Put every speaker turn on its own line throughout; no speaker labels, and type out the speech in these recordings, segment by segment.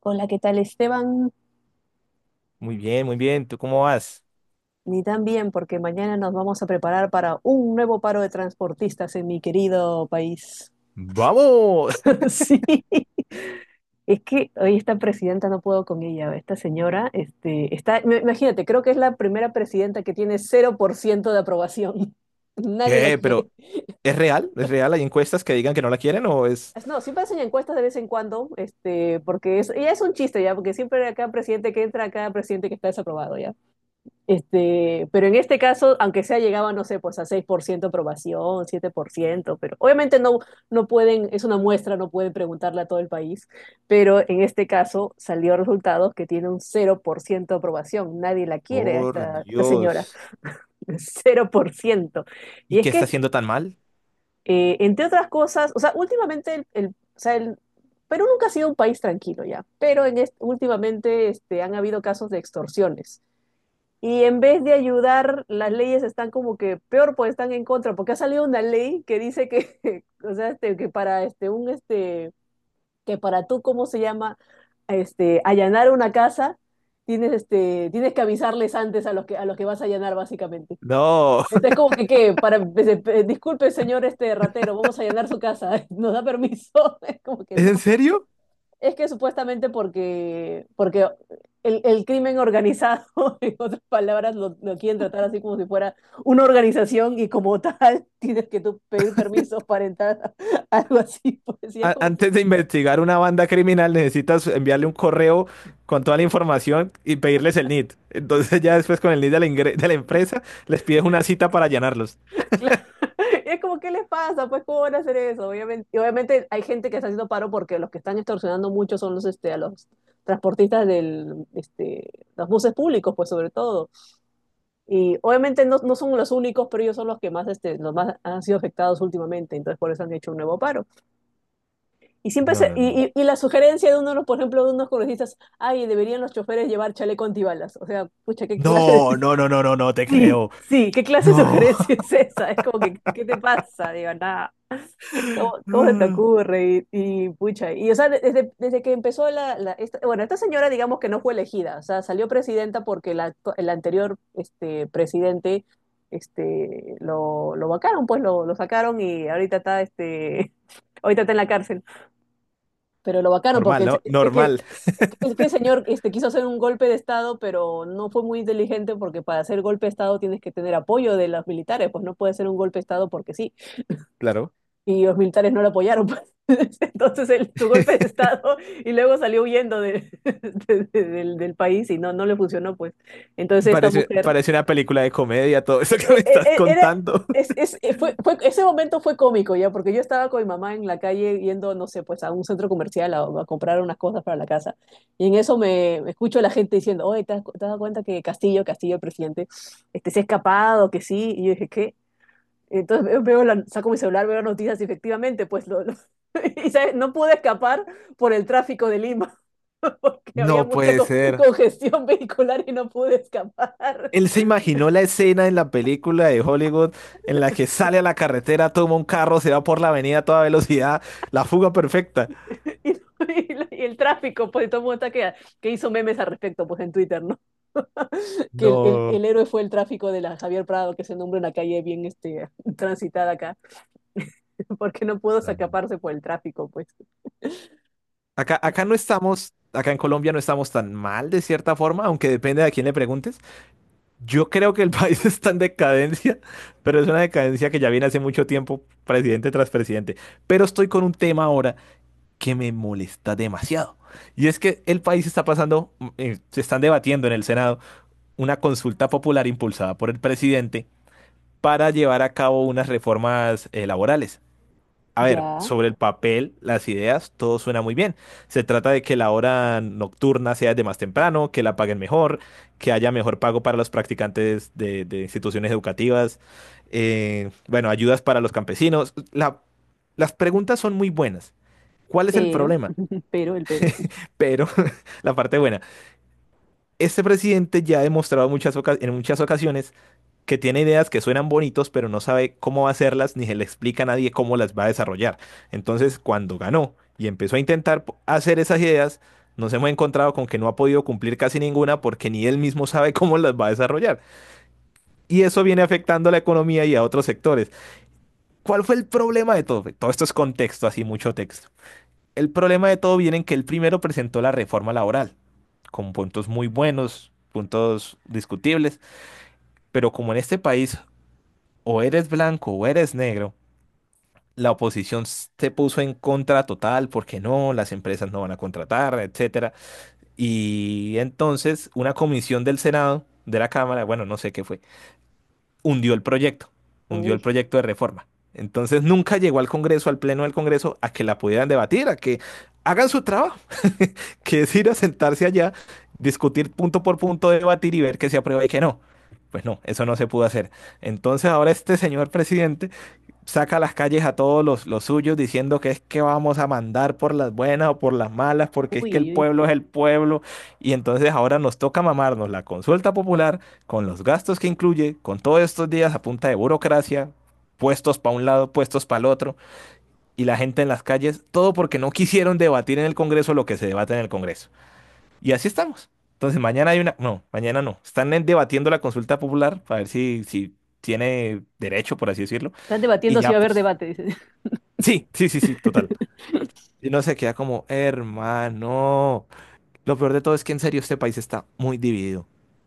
Hola, ¿qué tal Esteban?
Muy bien, muy bien. ¿Tú cómo vas?
Ni tan bien, porque mañana nos vamos a preparar para un nuevo paro de transportistas en mi querido país.
¡Vamos!
Sí, es que hoy esta presidenta no puedo con ella, esta señora, está, imagínate, creo que es la primera presidenta que tiene 0% de aprobación. Nadie la
qué
quiere.
pero ¿es real? ¿Es real? ¿Hay encuestas que digan que no la quieren o es...
No, siempre hacen encuestas de vez en cuando, porque es, ya es un chiste ya, porque siempre cada presidente que entra, cada presidente que está desaprobado. Pero en este caso, aunque sea llegaba, no sé, pues a 6% aprobación, 7%, pero obviamente no, no pueden, es una muestra, no pueden preguntarle a todo el país, pero en este caso salió resultados que tiene un 0% de aprobación, nadie la quiere a
Por
esta señora,
Dios.
0%. Y
¿Y
es
qué está
que,
haciendo tan mal?
entre otras cosas, o sea, últimamente el Perú nunca ha sido un país tranquilo ya, pero en este, últimamente han habido casos de extorsiones, y en vez de ayudar, las leyes están como que peor, pues están en contra, porque ha salido una ley que dice que, o sea, que para tú, ¿cómo se llama? Allanar una casa, tienes tienes que avisarles antes a los que vas a allanar, básicamente.
No.
Entonces, como que qué, para, disculpe, señor este ratero, vamos a allanar su casa, nos da permiso. Es como que
¿Es
no,
en serio?
es que supuestamente porque el crimen organizado, en otras palabras, lo quieren tratar así como si fuera una organización y como tal tienes que tú pedir permisos para entrar a algo así. Pues, y es como que,
Antes de investigar una banda criminal necesitas enviarle un correo con toda la información y pedirles el NID. Entonces ya después con el NID de la empresa les pides una cita para llenarlos.
claro, es como, ¿qué les pasa? Pues, ¿cómo van a hacer eso? Obviamente, y obviamente hay gente que está haciendo paro porque los que están extorsionando mucho son a los transportistas del, este, los buses públicos, pues, sobre todo. Y obviamente no son los únicos, pero ellos son los que más, los más han sido afectados últimamente, entonces por eso han hecho un nuevo paro. Y siempre
No,
se-
no, no.
y la sugerencia de uno, de los, por ejemplo, de unos congresistas, ay, deberían los choferes llevar chaleco antibalas. O sea, pucha, ¿qué clase de?
No, no, no, no, no, no, no te
Sí,
creo.
sí, ¿Qué clase de
No.
sugerencia es esa? Es como que, ¿qué te pasa? Digo, nada. ¿Cómo se te ocurre? Pucha, y o sea, desde que empezó bueno, esta señora digamos que no fue elegida, o sea, salió presidenta porque el anterior presidente lo vacaron, pues lo sacaron y ahorita está, ahorita está en la cárcel, pero lo vacaron porque
Normal, ¿no?
es que,
Normal.
es que, es que el señor quiso hacer un golpe de Estado, pero no fue muy inteligente porque para hacer golpe de Estado tienes que tener apoyo de los militares, pues no puede ser un golpe de Estado porque sí,
Claro.
y los militares no lo apoyaron. Entonces su golpe de estado y luego salió del país y no, no le funcionó, pues. Entonces esta
Parece,
mujer
parece una película de comedia todo eso que me estás
era...
contando.
Es, ese momento fue cómico ya, porque yo estaba con mi mamá en la calle yendo, no sé, pues a un centro comercial a comprar unas cosas para la casa. Y en eso me escucho a la gente diciendo, oye, te has dado cuenta que Castillo, el presidente, se ha escapado, que sí? Y yo dije, ¿qué? Entonces saco mi celular, veo las noticias, y efectivamente, pues y ¿sabes? No pude escapar por el tráfico de Lima, porque había
No
mucha
puede ser.
congestión vehicular y no pude escapar.
Él se imaginó la escena en la película de Hollywood en la que sale a la carretera, toma un carro, se va por la avenida a toda velocidad, la fuga perfecta.
Y el tráfico, pues todo el mundo está que hizo memes al respecto, pues en Twitter, ¿no? Que el
No.
héroe fue el tráfico de la Javier Prado, que se nombra una calle bien transitada acá, porque no pudo
No, no, no.
escaparse por el tráfico, pues.
Acá, acá no estamos, acá en Colombia no estamos tan mal de cierta forma, aunque depende de a quién le preguntes. Yo creo que el país está en decadencia, pero es una decadencia que ya viene hace mucho tiempo, presidente tras presidente. Pero estoy con un tema ahora que me molesta demasiado. Y es que el país está pasando, se están debatiendo en el Senado una consulta popular impulsada por el presidente para llevar a cabo unas reformas laborales. A ver,
Ya,
sobre el papel, las ideas, todo suena muy bien. Se trata de que la hora nocturna sea de más temprano, que la paguen mejor, que haya mejor pago para los practicantes de instituciones educativas, bueno, ayudas para los campesinos. Las preguntas son muy buenas. ¿Cuál es el
pero,
problema?
el pero, el pero.
Pero la parte buena. Este presidente ya ha demostrado en muchas ocasiones que tiene ideas que suenan bonitos, pero no sabe cómo va a hacerlas ni se le explica a nadie cómo las va a desarrollar. Entonces, cuando ganó y empezó a hacer esas ideas, nos hemos encontrado con que no ha podido cumplir casi ninguna porque ni él mismo sabe cómo las va a desarrollar. Y eso viene afectando a la economía y a otros sectores. ¿Cuál fue el problema de todo? Todo esto es contexto, así mucho texto. El problema de todo viene en que él primero presentó la reforma laboral con puntos muy buenos, puntos discutibles, pero como en este país o eres blanco o eres negro, la oposición se puso en contra total porque no, las empresas no van a contratar, etcétera. Y entonces una comisión del Senado, de la Cámara, bueno, no sé qué fue, hundió el proyecto, hundió el
Uy,
proyecto de reforma. Entonces nunca llegó al Congreso, al Pleno del Congreso, a que la pudieran debatir, a que hagan su trabajo, que es ir a sentarse allá, discutir punto por punto, debatir y ver qué se aprueba y qué no. Pues no, eso no se pudo hacer. Entonces ahora este señor presidente saca a las calles a todos los suyos diciendo que es que vamos a mandar por las buenas o por las malas, porque es que el
uy.
pueblo es el pueblo. Y entonces ahora nos toca mamarnos la consulta popular con los gastos que incluye, con todos estos días a punta de burocracia, puestos para un lado, puestos para el otro, y la gente en las calles, todo porque no quisieron debatir en el Congreso lo que se debate en el Congreso. Y así estamos. Entonces mañana hay una... No, mañana no. Están debatiendo la consulta popular para ver si tiene derecho, por así decirlo.
Están
Y
debatiendo si
ya,
va a haber
pues...
debate, dice.
Sí, sí, sí, sí, total. Y no se queda como, hermano. Lo peor de todo es que en serio este país está muy dividido.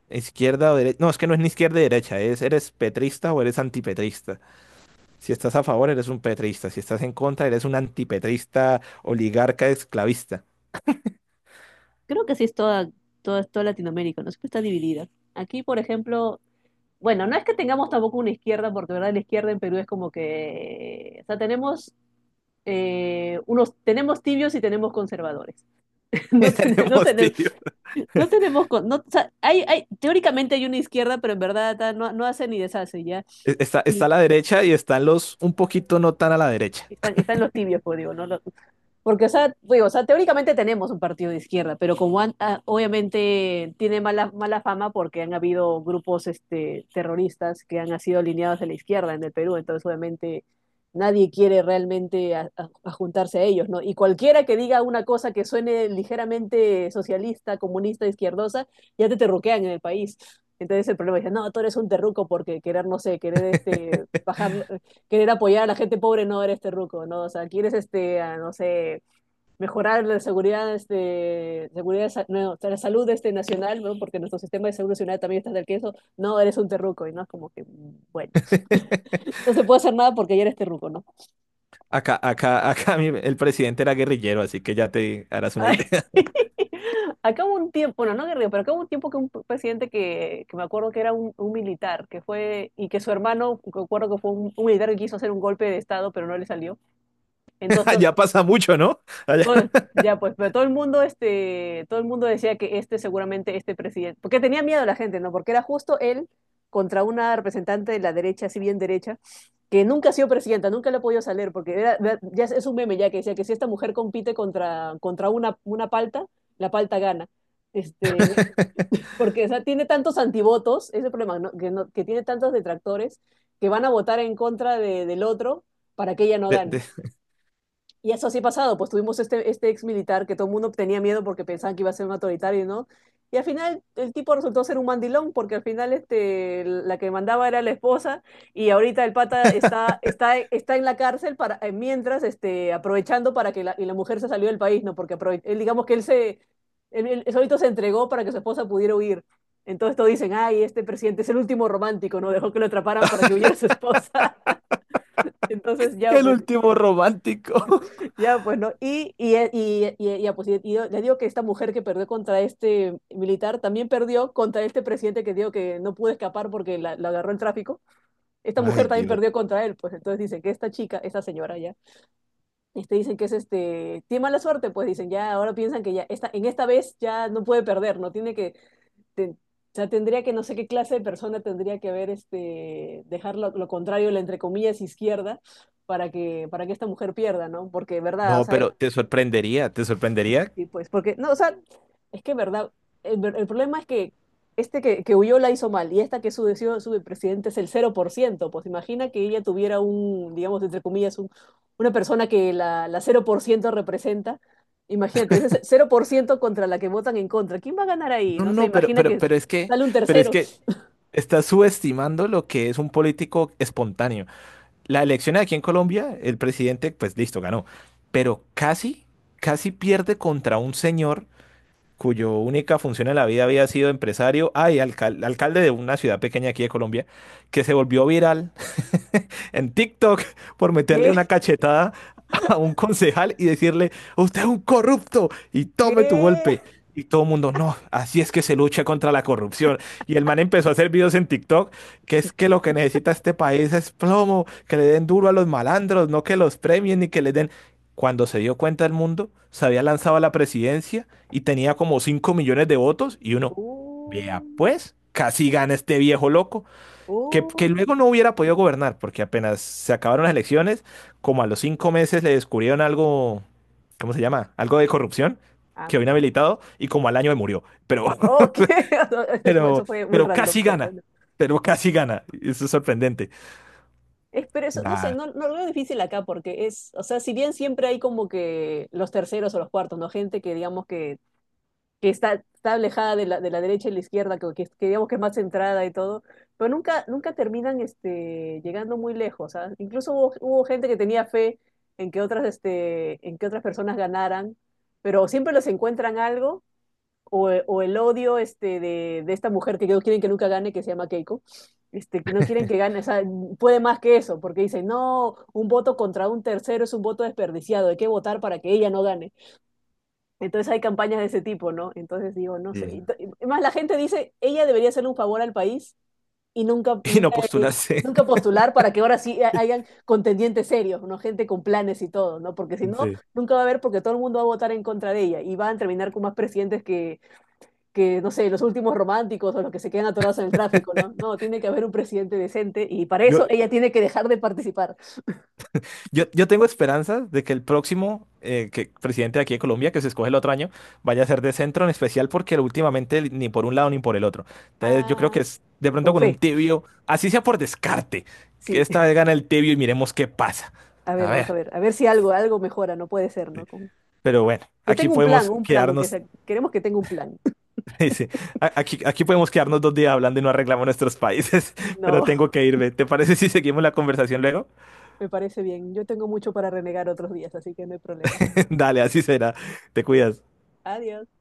Izquierda o derecha. No, es que no es ni izquierda y derecha. Es, eres petrista o eres antipetrista. Si estás a favor, eres un petrista. Si estás en contra, eres un antipetrista, oligarca, esclavista.
Creo que sí es toda Latinoamérica, ¿no? Siempre está dividida. Aquí, por ejemplo, bueno, no es que tengamos tampoco una izquierda, porque de verdad la izquierda en Perú es como que, o sea, tenemos unos, tenemos tibios y tenemos conservadores. No,
Tenemos, tío.
no, o sea, hay, teóricamente hay una izquierda, pero en verdad ta, no, no hace ni deshace, ¿ya?
Está, está a
Y
la derecha y están los un poquito no tan a la derecha.
están, están los tibios, pues digo, ¿no? Porque, o sea, digo, o sea, teóricamente tenemos un partido de izquierda, pero como ah, obviamente tiene mala fama porque han habido grupos terroristas que han sido alineados a la izquierda en el Perú, entonces obviamente nadie quiere realmente a juntarse a ellos, ¿no? Y cualquiera que diga una cosa que suene ligeramente socialista, comunista, izquierdosa, ya te terruquean en el país. Entonces el problema es, no, tú eres un terruco porque querer, no sé, querer bajar, querer apoyar a la gente pobre, no eres terruco, ¿no? O sea, quieres ah, no sé, mejorar la seguridad, no, la salud nacional, ¿no? Porque nuestro sistema de seguro nacional también está del queso. No, eres un terruco, y no es como que, bueno, no se puede hacer nada porque ya eres terruco, ¿no?
Acá, acá, el presidente era guerrillero, así que ya te harás una
Ay,
idea.
acá hubo un tiempo, bueno, no guerrero, pero acá hubo un tiempo que un presidente que me acuerdo que era un militar, que fue, y que su hermano, me acuerdo que fue un militar que quiso hacer un golpe de estado, pero no le salió. Entonces,
Allá pasa mucho, ¿no? Allá.
Ya pues, pero todo el mundo, todo el mundo decía que este seguramente este presidente, porque tenía miedo la gente, ¿no? Porque era justo él contra una representante de la derecha, si bien derecha, que nunca ha sido presidenta, nunca le ha podido salir, porque ya es un meme ya que decía que si esta mujer compite contra una palta, la palta gana. Este, porque o sea, tiene tantos antivotos, ese problema, ¿no? Que, que tiene tantos detractores que van a votar del otro para que ella no
De-
gane.
de-
Y eso sí ha pasado, pues tuvimos este ex militar que todo el mundo tenía miedo porque pensaban que iba a ser un autoritario, ¿no? Y al final el tipo resultó ser un mandilón porque al final la que mandaba era la esposa y ahorita el pata está en la cárcel para, mientras aprovechando para que la, y la mujer se salió del país, ¿no? Porque aprove él, digamos que él solito se entregó para que su esposa pudiera huir. Entonces todos dicen, ay, este presidente es el último romántico, ¿no? Dejó que lo atraparan para que huyera su esposa. Entonces ya,
El
pues,
último romántico.
ya, bueno, ya, pues, le digo que esta mujer que perdió contra este militar también perdió contra este presidente que digo que no pudo escapar porque la agarró el tráfico. Esta mujer
Ay,
también
Dios.
perdió contra él, pues entonces dicen que esta chica, esta señora ya, dicen que tiene mala suerte, pues dicen ya, ahora piensan que ya, esta, en esta vez ya no puede perder, no tiene que, ten- o sea, tendría que, no sé qué clase de persona tendría que haber, dejar lo contrario, la entre comillas izquierda, para que esta mujer pierda, ¿no? Porque, ¿verdad? O
No,
sea,
pero te sorprendería, te sorprendería.
sí, pues, porque, no, o sea, es que, verdad, el problema es que este que huyó la hizo mal y esta que su decidió su presidente es el 0%, pues imagina que ella tuviera un, digamos, entre comillas, una persona que la 0% representa. Imagínate, ese 0% contra la que votan en contra. ¿Quién va a ganar ahí?
No,
No sé,
no,
imagina que sale un
pero es
tercero.
que estás subestimando lo que es un político espontáneo. La elección aquí en Colombia, el presidente, pues listo, ganó. Pero casi, casi pierde contra un señor cuyo única función en la vida había sido empresario, ay, alcalde de una ciudad pequeña aquí de Colombia, que se volvió viral en TikTok por meterle una
¿Qué?
cachetada a un concejal y decirle, usted es un corrupto y tome tu
¿Qué?
golpe. Y todo el mundo, no, así es que se lucha contra la corrupción. Y el man empezó a hacer videos en TikTok, que es que lo que necesita este país es plomo, que le den duro a los malandros, no que los premien ni que les den. Cuando se dio cuenta el mundo, se había lanzado a la presidencia y tenía como 5 millones de votos y uno,
Uh,
vea pues, casi gana este viejo loco
uh.
que luego no hubiera podido gobernar, porque apenas se acabaron las elecciones, como a los cinco meses le descubrieron algo, ¿cómo se llama? Algo de corrupción,
Ah,
quedó
bueno.
inhabilitado y como al año me murió. Pero,
Ok,
pero,
eso fue muy
pero
random,
casi
pero
gana,
bueno.
pero casi gana. Eso es sorprendente.
Es, pero eso, no sé,
Nah,
no, no lo veo difícil acá porque es, o sea, si bien siempre hay como que los terceros o los cuartos, ¿no? Gente que digamos que está, está alejada de de la derecha y la izquierda, que, que digamos que es más centrada y todo, pero nunca, nunca terminan llegando muy lejos, ¿ah? Incluso hubo, hubo gente que tenía fe en que otras, en que otras personas ganaran, pero siempre les encuentran algo o el odio de esta mujer que no quieren que nunca gane, que se llama Keiko, que no quieren que gane, o sea, puede más que eso, porque dicen, no, un voto contra un tercero es un voto desperdiciado, hay que votar para que ella no gane. Entonces hay campañas de ese tipo, ¿no? Entonces digo, no
sí.
sé. Más la gente dice, ella debería hacerle un favor al país y nunca,
Y no postularse.
nunca postular para que ahora sí hayan contendientes serios, ¿no? Gente con planes y todo, ¿no? Porque si no,
Sí.
nunca va a haber porque todo el mundo va a votar en contra de ella y van a terminar con más presidentes que, no sé, los últimos románticos o los que se quedan atorados en el tráfico, ¿no? No, tiene que haber un presidente decente y para
Yo,
eso ella tiene que dejar de participar.
Yo, tengo esperanzas de que el próximo presidente de aquí de Colombia, que se escoge el otro año, vaya a ser de centro, en especial porque últimamente ni por un lado ni por el otro. Entonces yo creo
Ah,
que es de pronto
con
con un
fe,
tibio, así sea por descarte, que
sí.
esta vez gana el tibio y miremos qué pasa.
A
A
ver, vamos
ver,
a ver si algo, algo mejora, no puede ser, ¿no? Con...
pero bueno,
Que
aquí
tenga
podemos
un plan, aunque
quedarnos,
sea, queremos que tenga un plan.
dice, aquí, aquí podemos quedarnos dos días hablando y no arreglamos nuestros países, pero
No,
tengo que irme. ¿Te parece si seguimos la conversación luego?
me parece bien. Yo tengo mucho para renegar otros días, así que no hay problema.
Dale, así será. Te cuidas.
Adiós.